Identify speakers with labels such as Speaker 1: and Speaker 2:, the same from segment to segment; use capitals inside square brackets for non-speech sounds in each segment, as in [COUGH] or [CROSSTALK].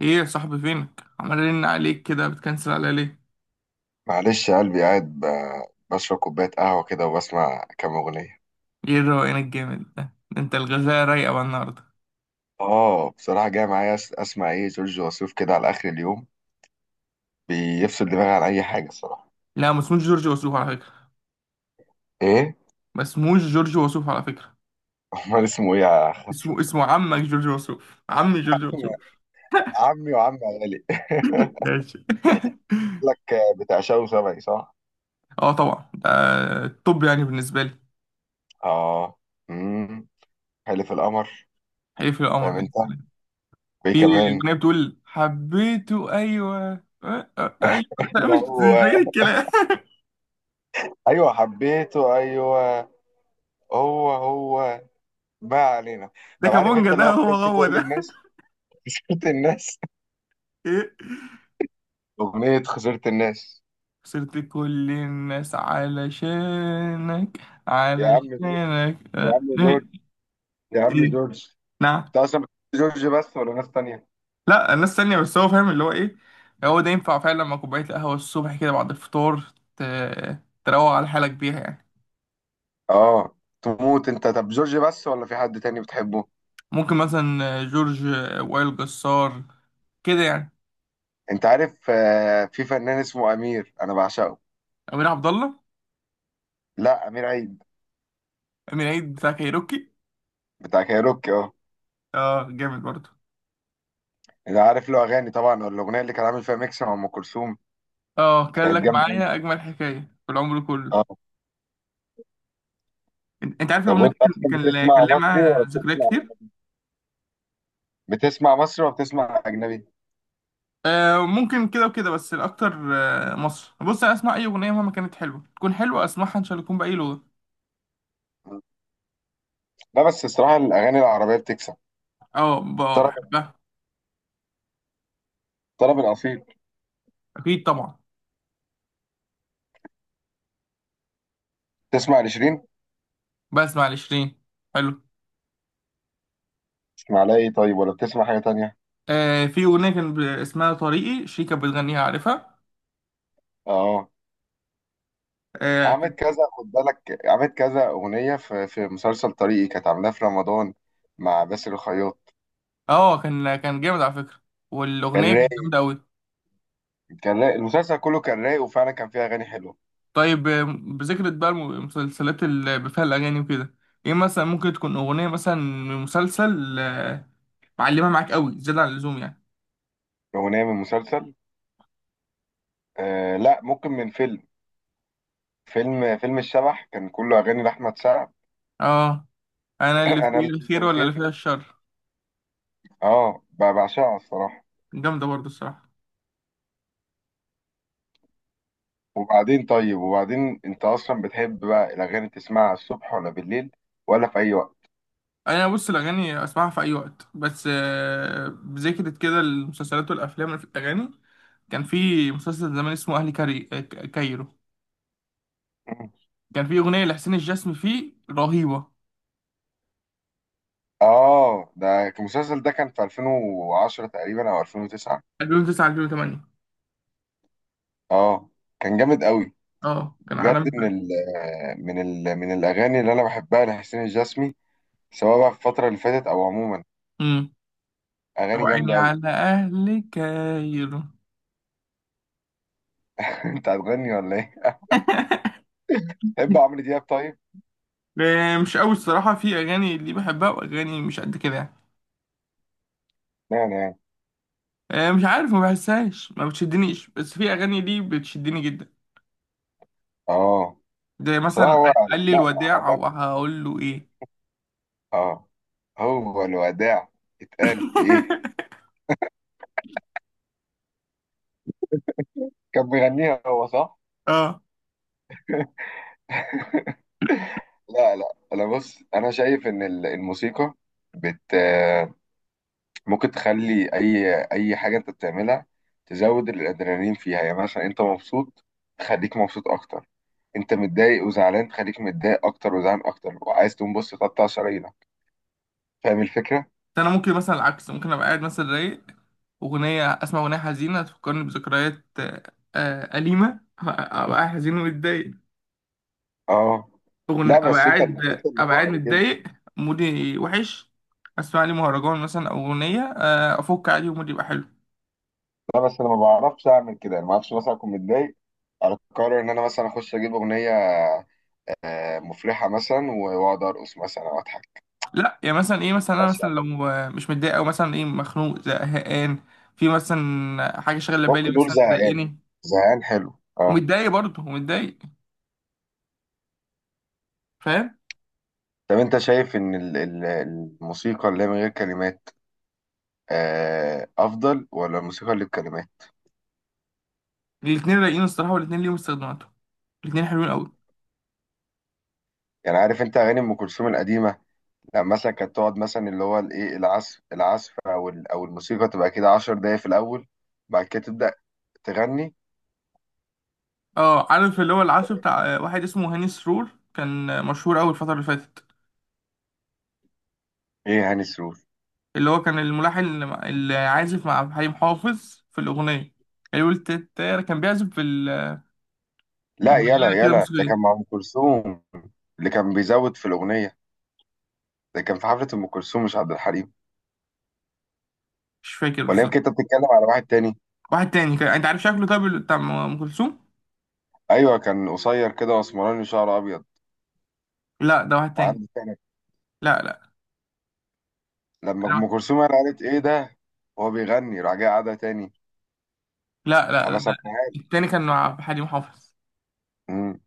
Speaker 1: ايه يا صاحبي، فينك؟ عمال ارن عليك كده، بتكنسل عليا ليه؟
Speaker 2: معلش يا قلبي قاعد بشرب كوباية قهوة كده وبسمع كام أغنية.
Speaker 1: ايه الروقان الجامد ده انت؟ الغزاله رايقه بقى النهارده.
Speaker 2: آه، بصراحة جاي معايا أسمع إيه جورج وسوف كده على آخر اليوم، بيفصل دماغي عن أي حاجة الصراحة.
Speaker 1: لا، ما اسموش جورج وسوف على فكره.
Speaker 2: إيه؟
Speaker 1: ما اسموش جورج وسوف على فكره.
Speaker 2: [LAUGHS] أمال اسمه إيه يا أخ؟
Speaker 1: اسمه عمك جورج وسوف، عمي جورج وسوف.
Speaker 2: [LAUGHS] عمي وعم غالي
Speaker 1: [LAUGHS]
Speaker 2: [LAUGHS]
Speaker 1: ماشي. [LAUGHS]
Speaker 2: لك، بتاع شاو سبعي صح؟
Speaker 1: اه طبعا، ده الطب يعني بالنسبه لي.
Speaker 2: آه. امم حلف القمر.
Speaker 1: حليف القمر
Speaker 2: فاهم أنت؟
Speaker 1: يعني.
Speaker 2: وإيه
Speaker 1: في
Speaker 2: كمان؟
Speaker 1: اغنيه بتقول: حبيته ايوه أه، أه، ايوه.
Speaker 2: [LAUGHS]
Speaker 1: لا، مش
Speaker 2: هو.
Speaker 1: غير الكلام.
Speaker 2: أيوه حبيته أيوه، هو هو، ما علينا.
Speaker 1: [LAUGHS] ده
Speaker 2: طب عارف
Speaker 1: كابونجا
Speaker 2: أنت
Speaker 1: ده،
Speaker 2: اللي هو
Speaker 1: هو
Speaker 2: خسرت
Speaker 1: هو
Speaker 2: كل
Speaker 1: ده.
Speaker 2: الناس [LAUGHS] خسرت الناس،
Speaker 1: [LAUGHS] ايه؟
Speaker 2: أغنية خسرت الناس.
Speaker 1: خسرت كل الناس علشانك،
Speaker 2: يا عم جورج،
Speaker 1: علشانك.
Speaker 2: يا عم جورج،
Speaker 1: إيه؟
Speaker 2: يا عم
Speaker 1: إيه.
Speaker 2: جورج.
Speaker 1: نعم.
Speaker 2: أنت أصلا بتحب جورج بس ولا ناس تانية؟
Speaker 1: لا، الناس تانية بس هو فاهم اللي هو إيه. هو ده ينفع فعلا مع كوباية القهوة الصبح كده بعد الفطار. ت... تروق على حالك بيها يعني.
Speaker 2: آه، تموت أنت. طب جورج بس ولا في حد تاني بتحبه؟
Speaker 1: ممكن مثلا جورج، وائل جسار، كده يعني.
Speaker 2: أنت عارف في فنان اسمه أمير أنا بعشقه.
Speaker 1: أمير عبد الله.
Speaker 2: لا، أمير عيد
Speaker 1: أمير عيد بتاع كايروكي.
Speaker 2: بتاع كايروكي، أه.
Speaker 1: اه جامد برضه.
Speaker 2: أنا عارف له أغاني طبعا، والأغنية اللي كان عامل فيها ميكس مع أم كلثوم
Speaker 1: اه، كان
Speaker 2: كانت
Speaker 1: لك
Speaker 2: جامدة أوي.
Speaker 1: معايا أجمل حكاية في العمر كله.
Speaker 2: أه.
Speaker 1: أنت عارف
Speaker 2: طب
Speaker 1: الأغنية
Speaker 2: وأنت
Speaker 1: دي.
Speaker 2: أصلا
Speaker 1: كان
Speaker 2: بتسمع
Speaker 1: ليها
Speaker 2: مصري ولا
Speaker 1: معاها ذكريات
Speaker 2: بتسمع،
Speaker 1: كتير.
Speaker 2: بتسمع مصري ولا بتسمع أجنبي؟
Speaker 1: آه ممكن كده وكده، بس الأكتر آه مصر. بص، أنا أسمع أي أغنية مهما كانت حلوة، تكون حلوة أسمعها إن شاء الله، تكون بأي لغة.
Speaker 2: لا بس الصراحة الأغاني العربية بتكسب،
Speaker 1: أه،
Speaker 2: طرب،
Speaker 1: بحبها.
Speaker 2: طرب الأصيل.
Speaker 1: أكيد طبعا.
Speaker 2: تسمع لشيرين؟
Speaker 1: بسمع لشيرين. حلو.
Speaker 2: تسمع لها ايه طيب ولا بتسمع حاجة تانية؟
Speaker 1: آه، في أغنية كان اسمها طريقي، شيرين كانت بتغنيها، عارفها.
Speaker 2: اه.
Speaker 1: أه
Speaker 2: عملت
Speaker 1: كان.
Speaker 2: كذا، خد بالك، عملت كذا أغنية في مسلسل طريقي كانت عاملاها في رمضان مع باسل الخياط.
Speaker 1: كان جامد على فكرة. والأغنية
Speaker 2: كان
Speaker 1: كانت
Speaker 2: رايق،
Speaker 1: جامدة أوي.
Speaker 2: كان رايق المسلسل كله، كان رايق وفعلا كان فيه أغاني حلوة.
Speaker 1: طيب، بذكرة بقى المسلسلات اللي بفيها الأغاني وكده، إيه مثلا ممكن تكون أغنية مثلا من مسلسل معلمة معاك أوي زيادة عن اللزوم يعني.
Speaker 2: أغنية من مسلسل، آه، لا ممكن من فيلم. فيلم الشبح كان كله أغاني لأحمد سعد.
Speaker 1: أه. انا
Speaker 2: [COUGHS]
Speaker 1: اللي
Speaker 2: [CLEARS THROAT] أنا
Speaker 1: فيه
Speaker 2: اللي
Speaker 1: الخير
Speaker 2: كان
Speaker 1: ولا اللي
Speaker 2: خير،
Speaker 1: فيها الشر؟
Speaker 2: اه، بعشقها الصراحة.
Speaker 1: جامده برضه الصراحه.
Speaker 2: وبعدين، طيب وبعدين، أنت أصلا بتحب بقى الأغاني تسمعها الصبح ولا بالليل ولا في أي وقت؟
Speaker 1: انا بص، الاغاني اسمعها في اي وقت، بس بذكرت كده المسلسلات والافلام في الاغاني. كان في مسلسل زمان اسمه اهلي كايرو. كان في اغنيه لحسين الجسمي فيه رهيبه.
Speaker 2: اه ده كان- المسلسل ده كان في 2010 تقريبا او 2009.
Speaker 1: 2009، 2008.
Speaker 2: اه كان جامد قوي
Speaker 1: اه كان
Speaker 2: بجد.
Speaker 1: عالمي.
Speaker 2: من ال من من الاغاني اللي انا بحبها لحسين الجسمي، سواء بقى في الفتره اللي فاتت او عموما،
Speaker 1: امم
Speaker 2: اغاني
Speaker 1: وعيني
Speaker 2: جامده قوي.
Speaker 1: على اهل كايرو.
Speaker 2: [LAUGHS] انت هتغني ولا ايه؟ [LAUGHS] تحب عمرو دياب طيب.
Speaker 1: مش قوي الصراحه، في اغاني اللي بحبها واغاني مش قد كده يعني.
Speaker 2: يعني يعني.
Speaker 1: مش عارف، ما بحسهاش، ما بتشدنيش، بس في اغاني ليه بتشدني جدا.
Speaker 2: اه،
Speaker 1: ده
Speaker 2: بصراحه
Speaker 1: مثلا
Speaker 2: هو.
Speaker 1: قال لي
Speaker 2: لا،
Speaker 1: الوداع، او
Speaker 2: عالمي.
Speaker 1: هقول له ايه.
Speaker 2: اه، هو الوداع اتقال في ايه؟
Speaker 1: [LAUGHS]
Speaker 2: كان بيغنيها هو صح؟
Speaker 1: اه،
Speaker 2: لا لا، انا بص انا شايف ان الموسيقى بت ممكن تخلي اي حاجه انت بتعملها تزود الادرينالين فيها. يعني مثلا انت مبسوط، تخليك مبسوط اكتر. انت متضايق وزعلان، تخليك متضايق اكتر وزعلان اكتر، وعايز تقوم بص تقطع شرايينك. فاهم الفكره.
Speaker 1: ده انا ممكن مثلا العكس، ممكن ابقى قاعد مثلا رايق، اغنيه، اسمع اغنيه حزينه تفكرني بذكريات اليمه، ابقى قاعد حزين ومتضايق.
Speaker 2: اه. لا
Speaker 1: أغن- ابقى
Speaker 2: بس انت
Speaker 1: قاعد
Speaker 2: اللي
Speaker 1: ابقى قاعد
Speaker 2: فقر كده.
Speaker 1: متضايق، مودي وحش. اسمع لي مهرجان مثلا او اغنيه افك عليه، ومودي يبقى حلو.
Speaker 2: لا بس انا ما بعرفش اعمل كده. انا ما اعرفش مثلا اكون متضايق اقرر ان انا مثلا اخش اجيب اغنيه مفرحه مثلا، واقعد ارقص مثلا او اضحك.
Speaker 1: لا يعني مثلا ايه، مثلا انا
Speaker 2: بس
Speaker 1: مثلا
Speaker 2: يعني،
Speaker 1: لو مش متضايق، او مثلا ايه، مخنوق، زهقان، في مثلا حاجه شاغله بالي،
Speaker 2: ممكن نقول
Speaker 1: مثلا
Speaker 2: زهقان،
Speaker 1: مضايقاني
Speaker 2: زهقان حلو، اه.
Speaker 1: ومتضايق برضه ومتضايق، فاهم.
Speaker 2: طب انت شايف ان الموسيقى اللي هي من غير كلمات افضل ولا الموسيقى اللي بكلمات؟
Speaker 1: الاتنين رايقين الصراحه، والاتنين ليهم استخداماتهم. الاتنين حلوين قوي.
Speaker 2: يعني عارف انت اغاني ام كلثوم القديمه، لا مثلا كانت تقعد، مثلا اللي هو الايه، العزف او الموسيقى تبقى كده 10 دقايق في الاول، بعد كده تبدا تغني.
Speaker 1: اه، عارف اللي هو العزف بتاع واحد اسمه هاني سرور، كان مشهور قوي الفتره اللي فاتت.
Speaker 2: ايه هاني سرور.
Speaker 1: اللي هو كان الملحن اللي اللي عازف مع عبد الحليم حافظ في الاغنيه اللي قلت التاير، كان بيعزف في
Speaker 2: لا
Speaker 1: بآلة
Speaker 2: يلا
Speaker 1: كده
Speaker 2: يلا، ده كان
Speaker 1: موسيقيه.
Speaker 2: مع ام كلثوم، اللي كان بيزود في الاغنيه. ده كان في حفله ام كلثوم مش عبد الحليم.
Speaker 1: مش فاكر
Speaker 2: ولا
Speaker 1: بالظبط.
Speaker 2: يمكن انت بتتكلم على واحد تاني؟
Speaker 1: واحد تاني انت عارف شكله طيب اللي بتاع أم كلثوم؟
Speaker 2: ايوه كان قصير كده واسمراني وشعره ابيض
Speaker 1: لا، ده واحد تاني.
Speaker 2: وعنده،
Speaker 1: لا لا
Speaker 2: لما ام كلثوم قالت ايه ده وهو بيغني راح جاي قعدها تاني،
Speaker 1: لا لا، لا. ده
Speaker 2: حبسها معاه.
Speaker 1: التاني كان مع عبد الحليم حافظ.
Speaker 2: امم.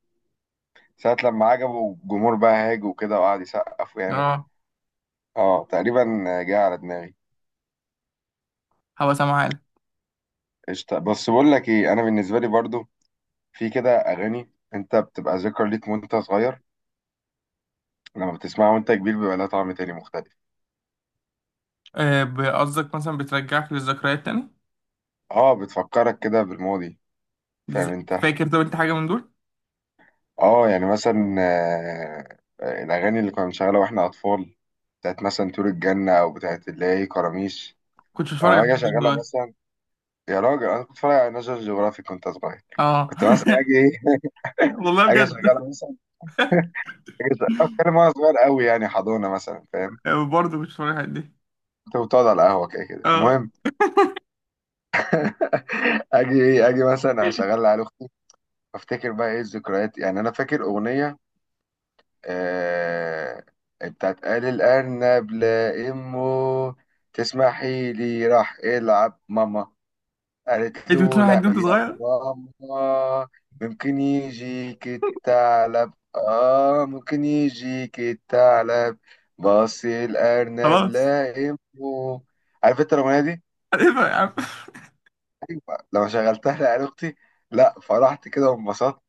Speaker 2: ساعة لما عجبه الجمهور بقى هاج وكده وقعد يسقف ويعمل.
Speaker 1: اه.
Speaker 2: اه تقريبا، جه على دماغي.
Speaker 1: هبقى سامعها لك.
Speaker 2: قشطة، بس بقول لك ايه، انا بالنسبة لي برضو في كده اغاني انت بتبقى ذكرى ليك وانت صغير، لما بتسمعها وانت كبير بيبقى لها طعم تاني مختلف.
Speaker 1: قصدك مثلا بترجعك للذكريات تاني.
Speaker 2: اه بتفكرك كده بالماضي. فاهم
Speaker 1: ز-
Speaker 2: انت.
Speaker 1: فاكر طب انت حاجه من دول؟
Speaker 2: اه، يعني مثلا الاغاني اللي كنا بنشغلها واحنا اطفال، بتاعت مثلا طيور الجنة او بتاعت اللي هي كراميش.
Speaker 1: كنت بتفرج على
Speaker 2: اه اجي
Speaker 1: الحاجات دي من
Speaker 2: اشغلها
Speaker 1: زمان.
Speaker 2: مثلا. يا راجل انا كنت بتفرج على ناشونال جيوغرافيك كنت صغير.
Speaker 1: اه.
Speaker 2: كنت مثلا اجي ايه
Speaker 1: [LAUGHS]
Speaker 2: [LAUGHS]
Speaker 1: والله
Speaker 2: اجي
Speaker 1: بجد.
Speaker 2: اشغلها مثلا. اجي أشغلها- اتكلم وانا صغير قوي، يعني حضانه مثلا، فاهم.
Speaker 1: برضه كنت بتفرج على الحاجات دي.
Speaker 2: كنت بتقعد على القهوه كده كده
Speaker 1: اه،
Speaker 2: المهم [LAUGHS] اجي ايه، اجي مثلا اشغلها على اختي. افتكر بقى ايه الذكريات، يعني انا فاكر اغنيه آه بتاعت قال الارنب لا امه تسمحي لي راح العب ماما، قالت
Speaker 1: انت كنت بتسمع
Speaker 2: له
Speaker 1: الحاجات
Speaker 2: لا
Speaker 1: دي وانت
Speaker 2: يا
Speaker 1: صغير.
Speaker 2: ماما ممكن يجيك الثعلب، اه ممكن يجيك الثعلب، بص الارنب
Speaker 1: خلاص.
Speaker 2: لائمه. عارف انت الاغنيه دي.
Speaker 1: [LAUGHS] هتفرق يا عم.
Speaker 2: لما شغلتها لعيال اختي، لا فرحت كده وانبسطت،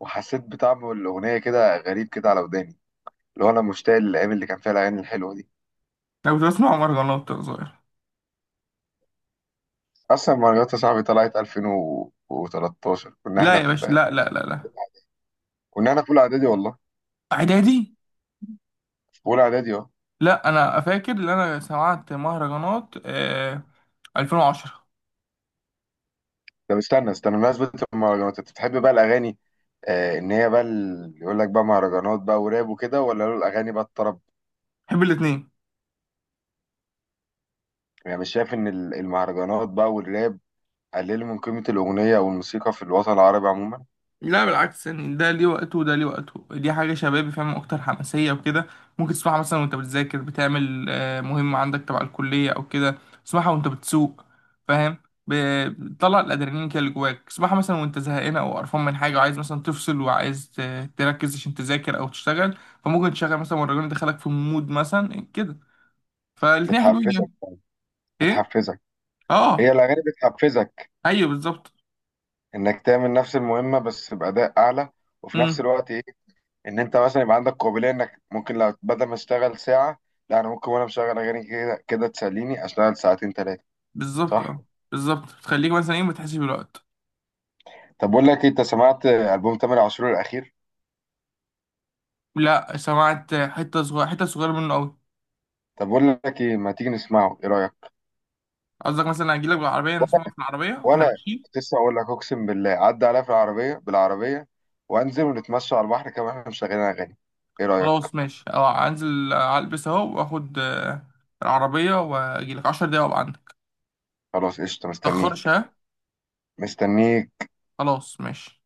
Speaker 2: وحسيت بطعم الاغنيه كده غريب كده على وداني. اللي هو انا مشتاق للايام اللي كان فيها الاغاني الحلوه دي.
Speaker 1: انا كنت بسمع مهرجانات وانا صغير.
Speaker 2: اصلا مهرجانات يا صاحبي طلعت 2013،
Speaker 1: لا يا باشا، لا لا لا لا.
Speaker 2: كنا احنا في اولى اعدادي والله،
Speaker 1: اعدادي.
Speaker 2: في اولى اعدادي اه.
Speaker 1: لا، انا فاكر ان انا سمعت مهرجانات 2010.
Speaker 2: طب استنى استنى، بمناسبة المهرجانات، انت بتحب بقى الأغاني، إن هي بقى يقول لك بقى مهرجانات بقى وراب وكده، ولا له الأغاني بقى الطرب؟
Speaker 1: بحب الاثنين.
Speaker 2: يعني مش شايف إن المهرجانات بقى والراب قللوا من قيمة الأغنية أو الموسيقى في الوطن العربي عموما؟
Speaker 1: لا بالعكس يعني، ده ليه وقته وده ليه وقته، دي حاجة شبابي فاهم، أكتر حماسية وكده. ممكن تسمعها مثلا وأنت بتذاكر، بتعمل مهمة عندك تبع الكلية أو كده. تسمعها وأنت بتسوق، فاهم. ب- بتطلع الأدرينالين كده اللي جواك، تسمعها مثلا وأنت زهقان أو قرفان من حاجة، وعايز مثلا تفصل، وعايز تركز عشان تذاكر أو تشتغل، فممكن تشغل مثلا والراجل يدخلك في مود مثلا كده. فالاتنين حلوين
Speaker 2: بتحفزك
Speaker 1: يعني. إيه؟
Speaker 2: بتحفزك هي
Speaker 1: أه.
Speaker 2: الأغاني بتحفزك؟
Speaker 1: أيوه بالظبط.
Speaker 2: إنك تعمل نفس المهمة بس بأداء أعلى، وفي نفس
Speaker 1: أمم
Speaker 2: الوقت إيه، إن أنت مثلا يبقى عندك قابلية، إنك ممكن لو بدل ما أشتغل ساعة، لا أنا ممكن وأنا مشغل أغاني كده كده تسليني، أشتغل ساعتين تلاتة،
Speaker 1: بالظبط
Speaker 2: صح؟
Speaker 1: أه. بالظبط تخليك مثلا إيه، ما تحسش بالوقت.
Speaker 2: طب بقول لك إيه، انت سمعت ألبوم تامر عاشور الأخير؟
Speaker 1: لا، سمعت حتة صغيرة، حتة صغيرة منه قوي.
Speaker 2: طب بقول لك ايه، ما تيجي نسمعه، ايه رأيك؟
Speaker 1: قصدك مثلا اجيلك بالعربية، نسمعه في العربية واحنا
Speaker 2: ولا،
Speaker 1: ماشيين.
Speaker 2: كنت لسه اقول لك، اقسم بالله عدى عليا في العربية، بالعربية وانزل ونتمشى على البحر، كمان احنا مشغلين اغاني، ايه رأيك؟
Speaker 1: خلاص ماشي، اه انزل، البس اهو، واخد العربية واجيلك 10 دقايق وابقى عندك.
Speaker 2: خلاص قشطة،
Speaker 1: متأخرش،
Speaker 2: مستنيك،
Speaker 1: ها.
Speaker 2: مستنيك
Speaker 1: خلاص ماشي.